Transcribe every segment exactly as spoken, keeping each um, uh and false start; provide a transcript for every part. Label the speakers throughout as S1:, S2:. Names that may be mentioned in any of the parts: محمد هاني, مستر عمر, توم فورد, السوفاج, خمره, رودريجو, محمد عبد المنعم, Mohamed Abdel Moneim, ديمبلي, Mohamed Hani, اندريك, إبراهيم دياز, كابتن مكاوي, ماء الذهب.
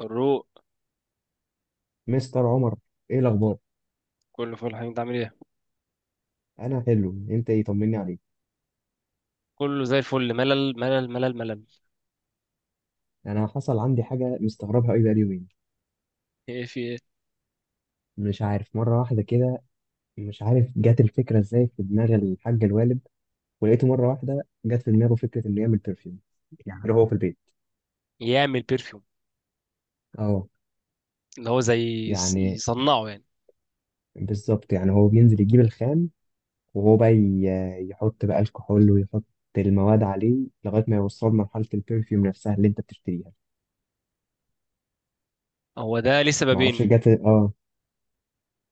S1: الروق.
S2: مستر عمر، ايه الاخبار؟
S1: كله فل الحمد، انت عامل ايه؟
S2: انا حلو، انت ايه؟ طمني عليك.
S1: كله زي الفل. ملل ملل ملل ملل.
S2: انا حصل عندي حاجه مستغربها قوي بقالي يومين.
S1: ايه، في ايه؟
S2: مش عارف، مره واحده كده مش عارف جت الفكره ازاي في دماغ الحاج الوالد، ولقيته مره واحده جت في دماغه فكره انه يعمل برفيوم، يعني هو في البيت.
S1: يعمل بيرفيوم.
S2: اه،
S1: اللي هو زي يص-
S2: يعني
S1: يصنعه يعني؟
S2: بالظبط، يعني هو بينزل يجيب الخام، وهو بقى ي- يحط بقى الكحول، ويحط المواد عليه لغايه ما يوصل مرحله البرفيوم نفسها اللي انت بتشتريها.
S1: هو ده ليه
S2: معرفش
S1: سببين.
S2: جت، اه.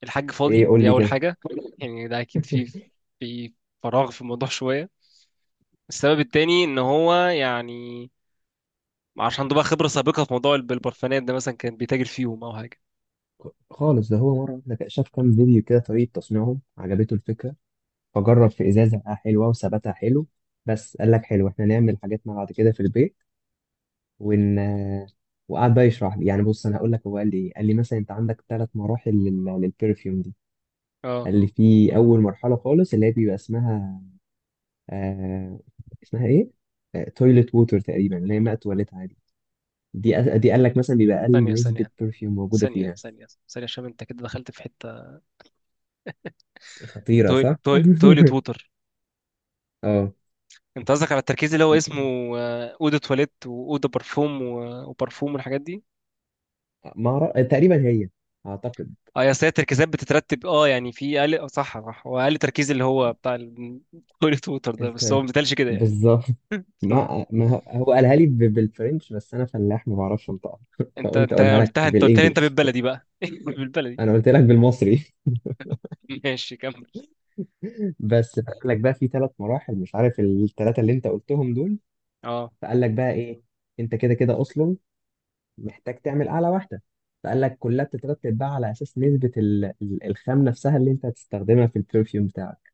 S1: الحاج
S2: ايه
S1: فاضي،
S2: قول
S1: دي
S2: لي
S1: اول
S2: كده.
S1: حاجه. يعني ده اكيد في في فراغ في الموضوع شويه. السبب التاني ان هو يعني عشان عنده بقى خبره سابقه في موضوع الب- البرفانات ده، مثلا كان بيتاجر فيهم او حاجه.
S2: خالص، ده هو مرة واحدة كده شاف كام فيديو كده طريقة تصنيعهم، عجبته الفكرة، فجرب في إزازة لقاها حلوة وثباتها حلو. بس قال لك حلو، احنا نعمل حاجاتنا بعد كده في البيت. ون آه، وقعد بقى يشرح لي. يعني بص، أنا هقول لك هو قال لي إيه. قال لي مثلا أنت عندك ثلاث مراحل لل... للبرفيوم دي.
S1: اه.
S2: قال لي في أول مرحلة خالص اللي هي بيبقى اسمها، آه... اسمها إيه؟ آه... تويلت ووتر تقريبا، اللي هي ماء تواليت عادي. دي أ- دي قال لك مثلا بيبقى
S1: ثانيه
S2: أقل نسبة
S1: ثانيه
S2: برفيوم موجودة
S1: ثانيه
S2: فيها.
S1: ثانيه ثانيه، عشان انت كده دخلت في حته.
S2: خطيرة، صح؟
S1: تويلت، تويلت ووتر.
S2: اه.
S1: انت قصدك على التركيز اللي هو اسمه آه، اودو تواليت، واودو برفوم و- وبرفوم والحاجات دي.
S2: ما أعرف- تقريبا هي، اعتقد.
S1: اه يا ساتر، التركيزات بتترتب، اه يعني في اقل، اه، صح صح، هو اقل تركيز اللي هو بتاع التواليت ووتر ده بس هو
S2: الت...
S1: ما بيتقالش كده يعني.
S2: بالظبط. ما ما هو هو قالها لي ب- بالفرنش، بس انا فلاح ما بعرفش انطقها
S1: انت
S2: فقلت
S1: انت
S2: اقولها لك
S1: قلتها، انت قلت لي انت
S2: بالانجلش.
S1: بالبلدي بقى بالبلدي.
S2: انا قلت لك بالمصري.
S1: ماشي، كمل.
S2: بس قال لك بقى في ثلاث مراحل، مش عارف الثلاثه اللي انت قلتهم دول.
S1: اه،
S2: فقال لك بقى ايه، انت كده كده اصلا محتاج تعمل اعلى واحده. فقال لك كلها بتترتب بقى على اساس نسبه ال- ال- الخام نفسها اللي انت هتستخدمها في البرفيوم بتاعك.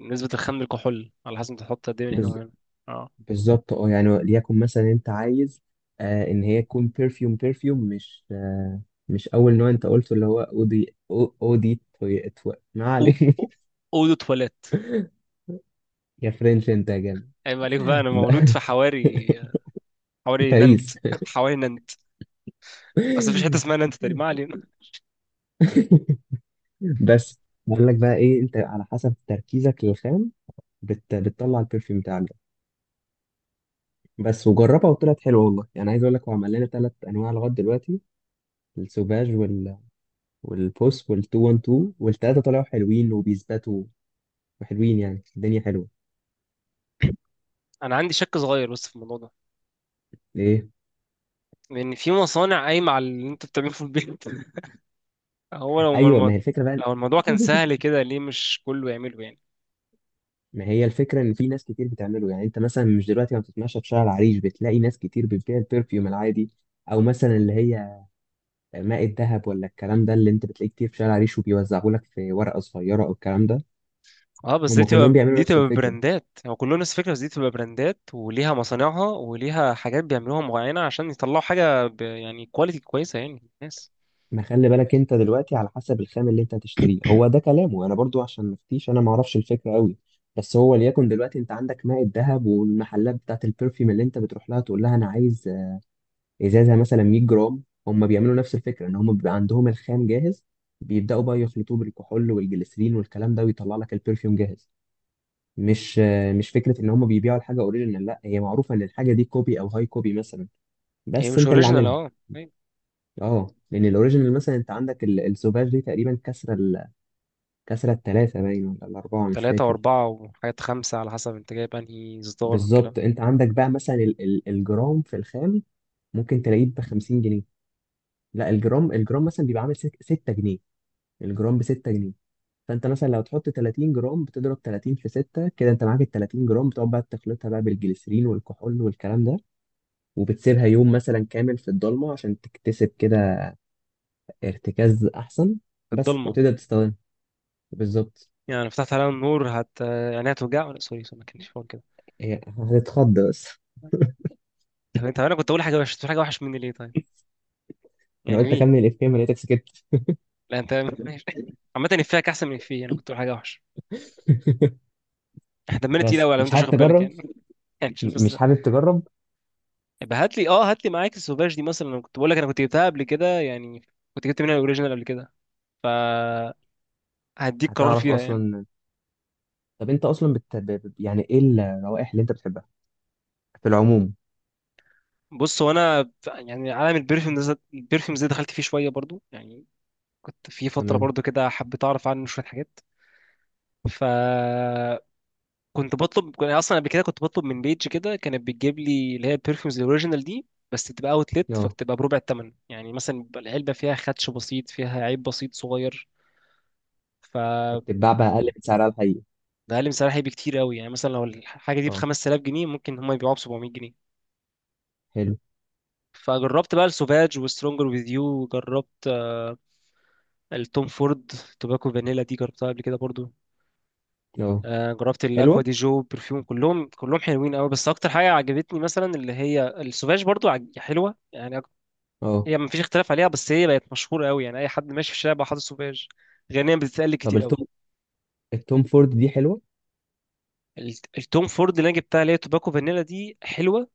S1: نسبة الخام للكحول، على حسب انت تحط قد ايه من هنا وهنا. اه.
S2: بالظبط. اه يعني ليكن مثلا انت عايز آه ان هي تكون بيرفيوم بيرفيوم، مش آه مش اول نوع انت قلته اللي هو اودي، أو- اودي توي- تو- ما
S1: او
S2: علينا.
S1: او- اودو تواليت.
S2: يا فرنش انت يا جامد!
S1: عيب عليك بقى، انا مولود في حواري. حواري نانت
S2: باريس!
S1: حواري نانت. اصل مفيش حته اسمها نانت تقريبا، ما علينا.
S2: بس بقول لك بقى ايه، انت على حسب تركيزك للخام بت... بتطلع البرفيوم بتاعك ده بس، وجربها وطلعت حلوه والله. يعني عايز اقول لك هو عمل لنا ثلاث انواع لغايه دلوقتي: السوفاج وال... والبوس وال212، والثلاثه طلعوا حلوين وبيثبتوا وحلوين. يعني الدنيا حلوه.
S1: انا عندي شك صغير بس في الموضوع ده.
S2: ليه؟
S1: لان في مصانع قايمه على اللي انت بتعمله في البيت هو لو
S2: ايوه، ما
S1: الم-
S2: هي الفكره بقى.
S1: لو الموضوع كان سهل كده، ليه مش كله يعمله يعني؟
S2: ما هي الفكره ان في ناس كتير بتعمله. يعني انت مثلا مش دلوقتي ما بتتمشى في شارع العريش بتلاقي ناس كتير بتبيع البرفيوم العادي، او مثلا اللي هي ماء الذهب ولا الكلام ده اللي انت بتلاقيه كتير في شارع العريش وبيوزعه لك في ورقه صغيره او الكلام ده.
S1: اه بس دي
S2: هم كلهم
S1: تبقى،
S2: بيعملوا
S1: دي
S2: نفس
S1: تبقى
S2: الفكره.
S1: براندات هو يعني كله نفس الفكره، بس دي تبقى براندات وليها مصانعها وليها حاجات بيعملوها معينه، عشان يطلعوا حاجه ب، يعني كواليتي كويسه يعني الناس.
S2: ما خلي بالك، انت دلوقتي على حسب الخام اللي انت هتشتريه، هو ده كلامه، انا برضو عشان ما افتيش، انا ما اعرفش الفكره قوي. بس هو ليكن دلوقتي انت عندك ماء الذهب والمحلات بتاعت البرفيوم اللي انت بتروح لها تقول لها انا عايز ازازه مثلا ميه جرام، هم بيعملوا نفس الفكره ان هم بيبقى عندهم الخام جاهز، بيبداوا بقى يخلطوه بالكحول والجليسرين والكلام ده ويطلع لك البرفيوم جاهز. مش آه، مش فكره ان هم بيبيعوا الحاجه اوريجينال، لا، هي معروفه ان الحاجه دي كوبي او هاي كوبي مثلا،
S1: هي
S2: بس
S1: مش
S2: انت اللي
S1: اوريجينال،
S2: عاملها.
S1: اه أيوة.
S2: اه، لان الاوريجينال مثلا انت عندك ال- السوفاج دي تقريبا كسره ال- كسره الثلاثه باين ولا الاربعه، مش
S1: تلاتة
S2: فاكر.
S1: وأربعة وحاجات خمسة، على حسب أنت جايب أنهي إصدار والكلام.
S2: بالظبط، انت عندك بقى مثلا ال- ال- الجرام في الخام ممكن تلاقيه ب خمسين جنيه. لا، الجرام الجرام مثلا بيبقى عامل ست جنيه، الجرام ب ست جنيه. فانت مثلا لو تحط تلاتين جرام، بتضرب تلاتين في ستة، كده انت معاك ال تلاتين جرام، بتقعد بقى تخلطها بقى بالجليسرين والكحول والكلام ده، وبتسيبها يوم مثلا كامل في الضلمه عشان تكتسب كده ارتكاز احسن، بس،
S1: الضلمة؟
S2: وتقدر تستخدمها. بالظبط.
S1: يعني لو فتحت عليها النور هت، يعني هتوجع؟ ولا سوري سوري، ما كانش فاضي.
S2: هي هتتخض بس.
S1: طب انت انا كنت اقول حاجه وحش، تقول حاجه وحش مني ليه طيب؟
S2: انا
S1: يعني
S2: قلت
S1: ليه؟
S2: اكمل الافيه، ما لقيتك سكت.
S1: لا انت ماشي. عامه افيهك احسن من افيه انا كنت اقول حاجه وحش. احنا دمنا تقيل
S2: بس
S1: قوي لو
S2: مش
S1: انت مش
S2: حابب
S1: واخد بالك
S2: تجرب؟
S1: يعني يعني مش
S2: م-
S1: بس.
S2: مش حابب تجرب؟
S1: يبقى هات لي، اه، هات لي معاك السوفاج دي مثلا، انا كنت بقول لك انا كنت جبتها قبل كده يعني. كنت جبت منها الاوريجينال قبل كده، فهديك قرار
S2: هتعرف
S1: فيها يعني.
S2: اصلا. طب انت اصلا بت... ب- ب- يعني ايه الروائح اللي انت بتحبها في العموم؟
S1: بص، هو انا يعني عالم البرفيوم ده، البرفيوم ده دخلت فيه شويه برضو يعني. كنت في فتره
S2: تمام.
S1: برضو كده حبيت اعرف عنه شويه حاجات. ف، كنت بطلب، كنت اصلا قبل كده كنت بطلب من بيج كده، كانت بتجيب لي اللي هي البرفيومز الاوريجينال دي. بس بتبقى اوتلت،
S2: اه.
S1: فبتبقى بربع الثمن. يعني مثلا بيبقى العلبه فيها خدش بسيط، فيها عيب بسيط صغير، فبقلل
S2: فبتتباع بقى اقل من سعرها الحقيقي.
S1: سعرها بكتير قوي. يعني مثلا لو الحاجه دي ب
S2: اه،
S1: خمس تالاف جنيه، ممكن هم يبيعوها ب سبعمائة جنيه.
S2: حلو.
S1: فجربت بقى السوفاج وسترونجر وذ يو، جربت آه، التوم فورد. توباكو فانيلا دي جربتها قبل كده برضو.
S2: اه.
S1: آه، جربت الاكوا
S2: حلوه.
S1: دي جو برفيوم، كلهم كلهم حلوين قوي. بس اكتر حاجه عجبتني مثلا اللي هي السوفاج، برضو عج- حلوه يعني.
S2: اه.
S1: هي مفيش اختلاف عليها، بس هي بقت مشهورة قوي، يعني أي حد ماشي في الشارع بقى حاطط سوفيج. غنيا بتتقال
S2: طب
S1: كتير قوي.
S2: التوم التوم فورد دي حلوه؟
S1: ال- التوم فورد اللي أنا جبتها اللي هي توباكو فانيلا دي حلوة.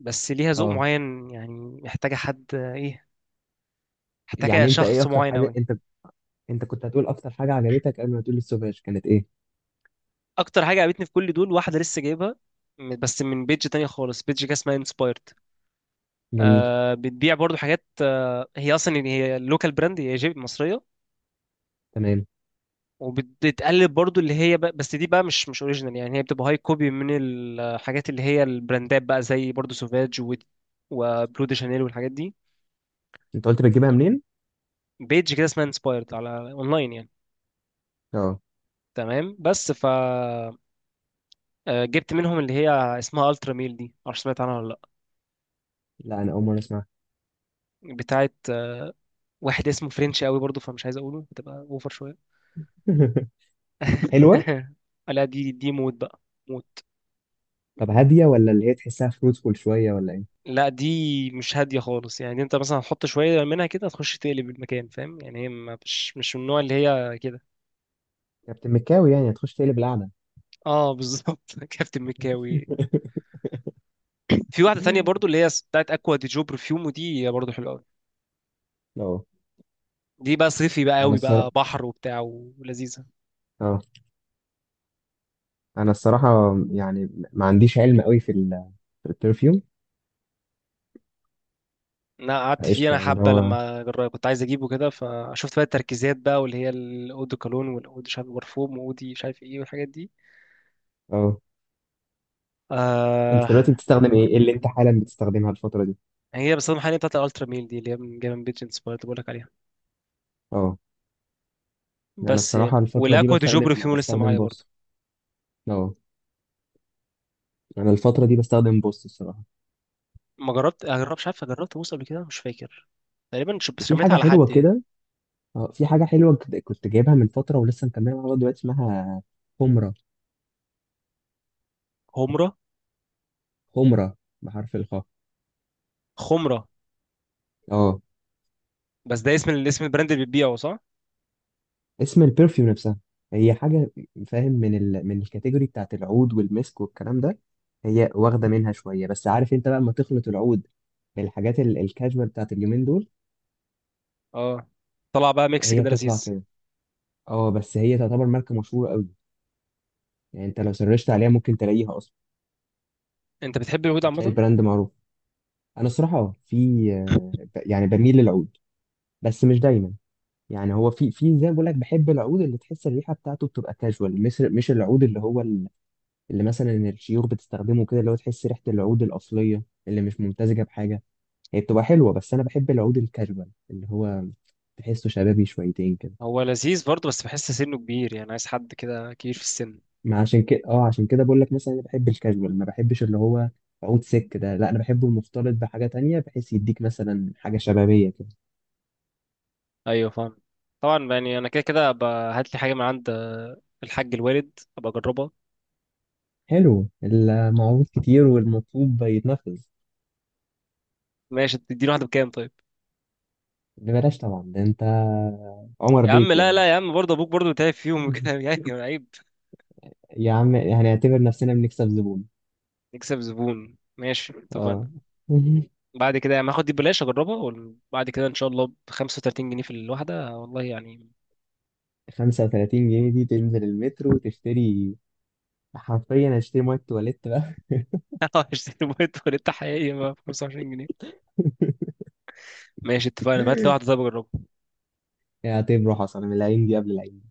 S1: بس ليها ذوق
S2: اه.
S1: معين، يعني محتاجة حد، آه، إيه، محتاجة
S2: يعني انت ايه
S1: شخص
S2: اكتر
S1: معين
S2: حاجه
S1: قوي.
S2: انت، انت كنت هتقول اكتر حاجه عجبتك قبل ما تقول السوفاج، كانت ايه؟
S1: أكتر حاجة عجبتني في كل دول، واحدة لسه جايبها م- بس من بيج تانية خالص، بيج كده اسمها انسبايرد.
S2: جميل.
S1: آه، بتبيع برضو حاجات، آه، هي أصلا يعني هي لوكال براند، هي جيب مصرية.
S2: تمام.
S1: وبتقلد برضو اللي هي بقى، بس دي بقى مش مش اوريجينال، يعني هي بتبقى هاي كوبي من الحاجات اللي هي البراندات بقى، زي برضو سوفاج و، وبلو دي شانيل والحاجات دي.
S2: انت قلت بتجيبها منين؟
S1: بيج كده اسمها انسبايرد على اونلاين يعني.
S2: اه.
S1: تمام، بس ف آه، جبت منهم اللي هي اسمها الترا ميل دي، معرفش سمعت عنها ولا.
S2: لا انا اول مره اسمعها.
S1: لا، بتاعت، آه، واحد اسمه فرنش قوي برضو، فمش عايز اقوله، بتبقى اوفر شويه
S2: حلوه.
S1: لا دي، دي موت بقى.
S2: طب هاديه، ولا اللي هي تحسها فروتفول شويه، ولا ايه؟
S1: لا دي مش هاديه خالص. يعني انت مثلا هتحط شويه منها كده، تخش تقلب المكان، فاهم يعني؟ هي ما- مش مش من النوع اللي هي كده.
S2: كابتن مكاوي يعني، هتخش تقلب القعده.
S1: اه بالظبط كابتن مكاوي. في واحده تانية برضو اللي هي بتاعت اكوا دي جو برفيوم، ودي برضو حلوه قوي.
S2: اه.
S1: دي بقى صيفي بقى
S2: انا
S1: قوي
S2: الصراحه،
S1: بقى، بحر وبتاع ولذيذه.
S2: اه، انا الصراحه يعني ما عنديش علم قوي في ال- في البرفيوم.
S1: انا قعدت فيه
S2: قشطه،
S1: انا
S2: يعني اللي
S1: حبه،
S2: هو.
S1: لما جر- كنت عايز اجيبه كده، فشفت بقى التركيزات بقى، واللي هي الاو دي كولون، والاو دي مش عارف برفوم، واو دي مش عارف ايه، والحاجات دي.
S2: اه. انت
S1: آه.
S2: دلوقتي بتستخدم ايه؟ إيه اللي انت حالا بتستخدمها الفتره دي؟
S1: هي بس المحل بتاعت الالترا ميل دي، اللي هي من جيم بيج انسبايرد، بقول لك عليها.
S2: اه. انا
S1: بس يعني،
S2: الصراحه الفتره دي
S1: والاكوا دي جوبري
S2: بستخدم،
S1: فيهم لسه
S2: بستخدم
S1: معايا برضه.
S2: بوس. اه. انا الفتره دي بستخدم بوس الصراحه.
S1: ما جربت اجرب، مش عارف، جربت بوس قبل كده مش فاكر، تقريبا ش- بس
S2: وفي
S1: شميتها
S2: حاجه
S1: على
S2: حلوه
S1: حد يعني.
S2: كده، اه، في حاجه حلوه كد- كنت جايبها من فتره ولسه مكمله معايا لغاية دلوقتي، اسمها خمره.
S1: خمره.
S2: خمره، بحرف الخاء.
S1: خمره؟
S2: اه.
S1: بس ده اسم ال- اسم البراند اللي بتبيعه، صح؟
S2: اسم البرفيوم نفسها. هي حاجه، فاهم، من ال... من الكاتيجوري بتاعت العود والمسك والكلام ده، هي واخده منها شويه، بس عارف انت بقى لما تخلط العود بالحاجات ال- الكاجوال بتاعت اليومين دول،
S1: اه، طلع بقى ميكس
S2: هي
S1: كده
S2: بتطلع
S1: لذيذ.
S2: كده. اه، بس هي تعتبر ماركه مشهوره قوي، يعني انت لو سرشت عليها ممكن تلاقيها اصلا،
S1: انت بتحب اليهود
S2: هتلاقي
S1: عامه.
S2: البراند معروف. انا الصراحه اه في آه، ب- يعني بميل للعود، بس مش دايما. يعني هو في، في، زي ما بقول لك بحب العود اللي تحس الريحه بتاعته بتبقى كاجوال، مش مش العود اللي هو ال- اللي مثلا الشيوخ بتستخدمه كده، اللي هو تحس ريحه العود الاصليه اللي مش ممتزجه بحاجه، هي بتبقى حلوه، بس انا بحب العود الكاجوال اللي هو تحسه شبابي شويتين كده.
S1: هو لذيذ برضه، بس بحس سنه كبير، يعني عايز حد كده كبير في السن.
S2: ما عشان كده، اه، عشان كده بقول لك مثلا انا بحب الكاجوال، ما بحبش اللي هو عود سك ده، لا، انا بحبه المختلط بحاجه تانية بحيث يديك مثلا حاجه شبابيه كده.
S1: ايوه، فاهم. طبعا يعني انا كده كده، أبقى هات لي حاجه من عند آه، الحاج الوالد ابقى اجربها.
S2: حلو، المعروض كتير والمطلوب يتنفذ.
S1: ماشي، تديني واحده بكام طيب؟
S2: ببلاش طبعا، ده انت عمر
S1: يا عم
S2: بيك
S1: لا
S2: يعني.
S1: لا يا عم، برضه ابوك برضه تعب فيهم وكده، يعني عيب.
S2: يا عم، هنعتبر نفسنا بنكسب زبون.
S1: نكسب زبون، ماشي اتفقنا.
S2: اه.
S1: بعد كده يعني هاخد دي ببلاش اجربها، وبعد كده ان شاء الله ب خمسة وثلاثين جنيه في الواحده، والله يعني.
S2: خمسه وتلاتين جنيه دي تنزل المترو تشتري، حرفيا هشتري ميه تواليت بقى.
S1: هشتري موبايل تواليت حقيقي ب خمسة وعشرين جنيه. ماشي اتفقنا، بهات لي واحده طيب اجربها.
S2: اعتبره حصل، من العين دي قبل العين.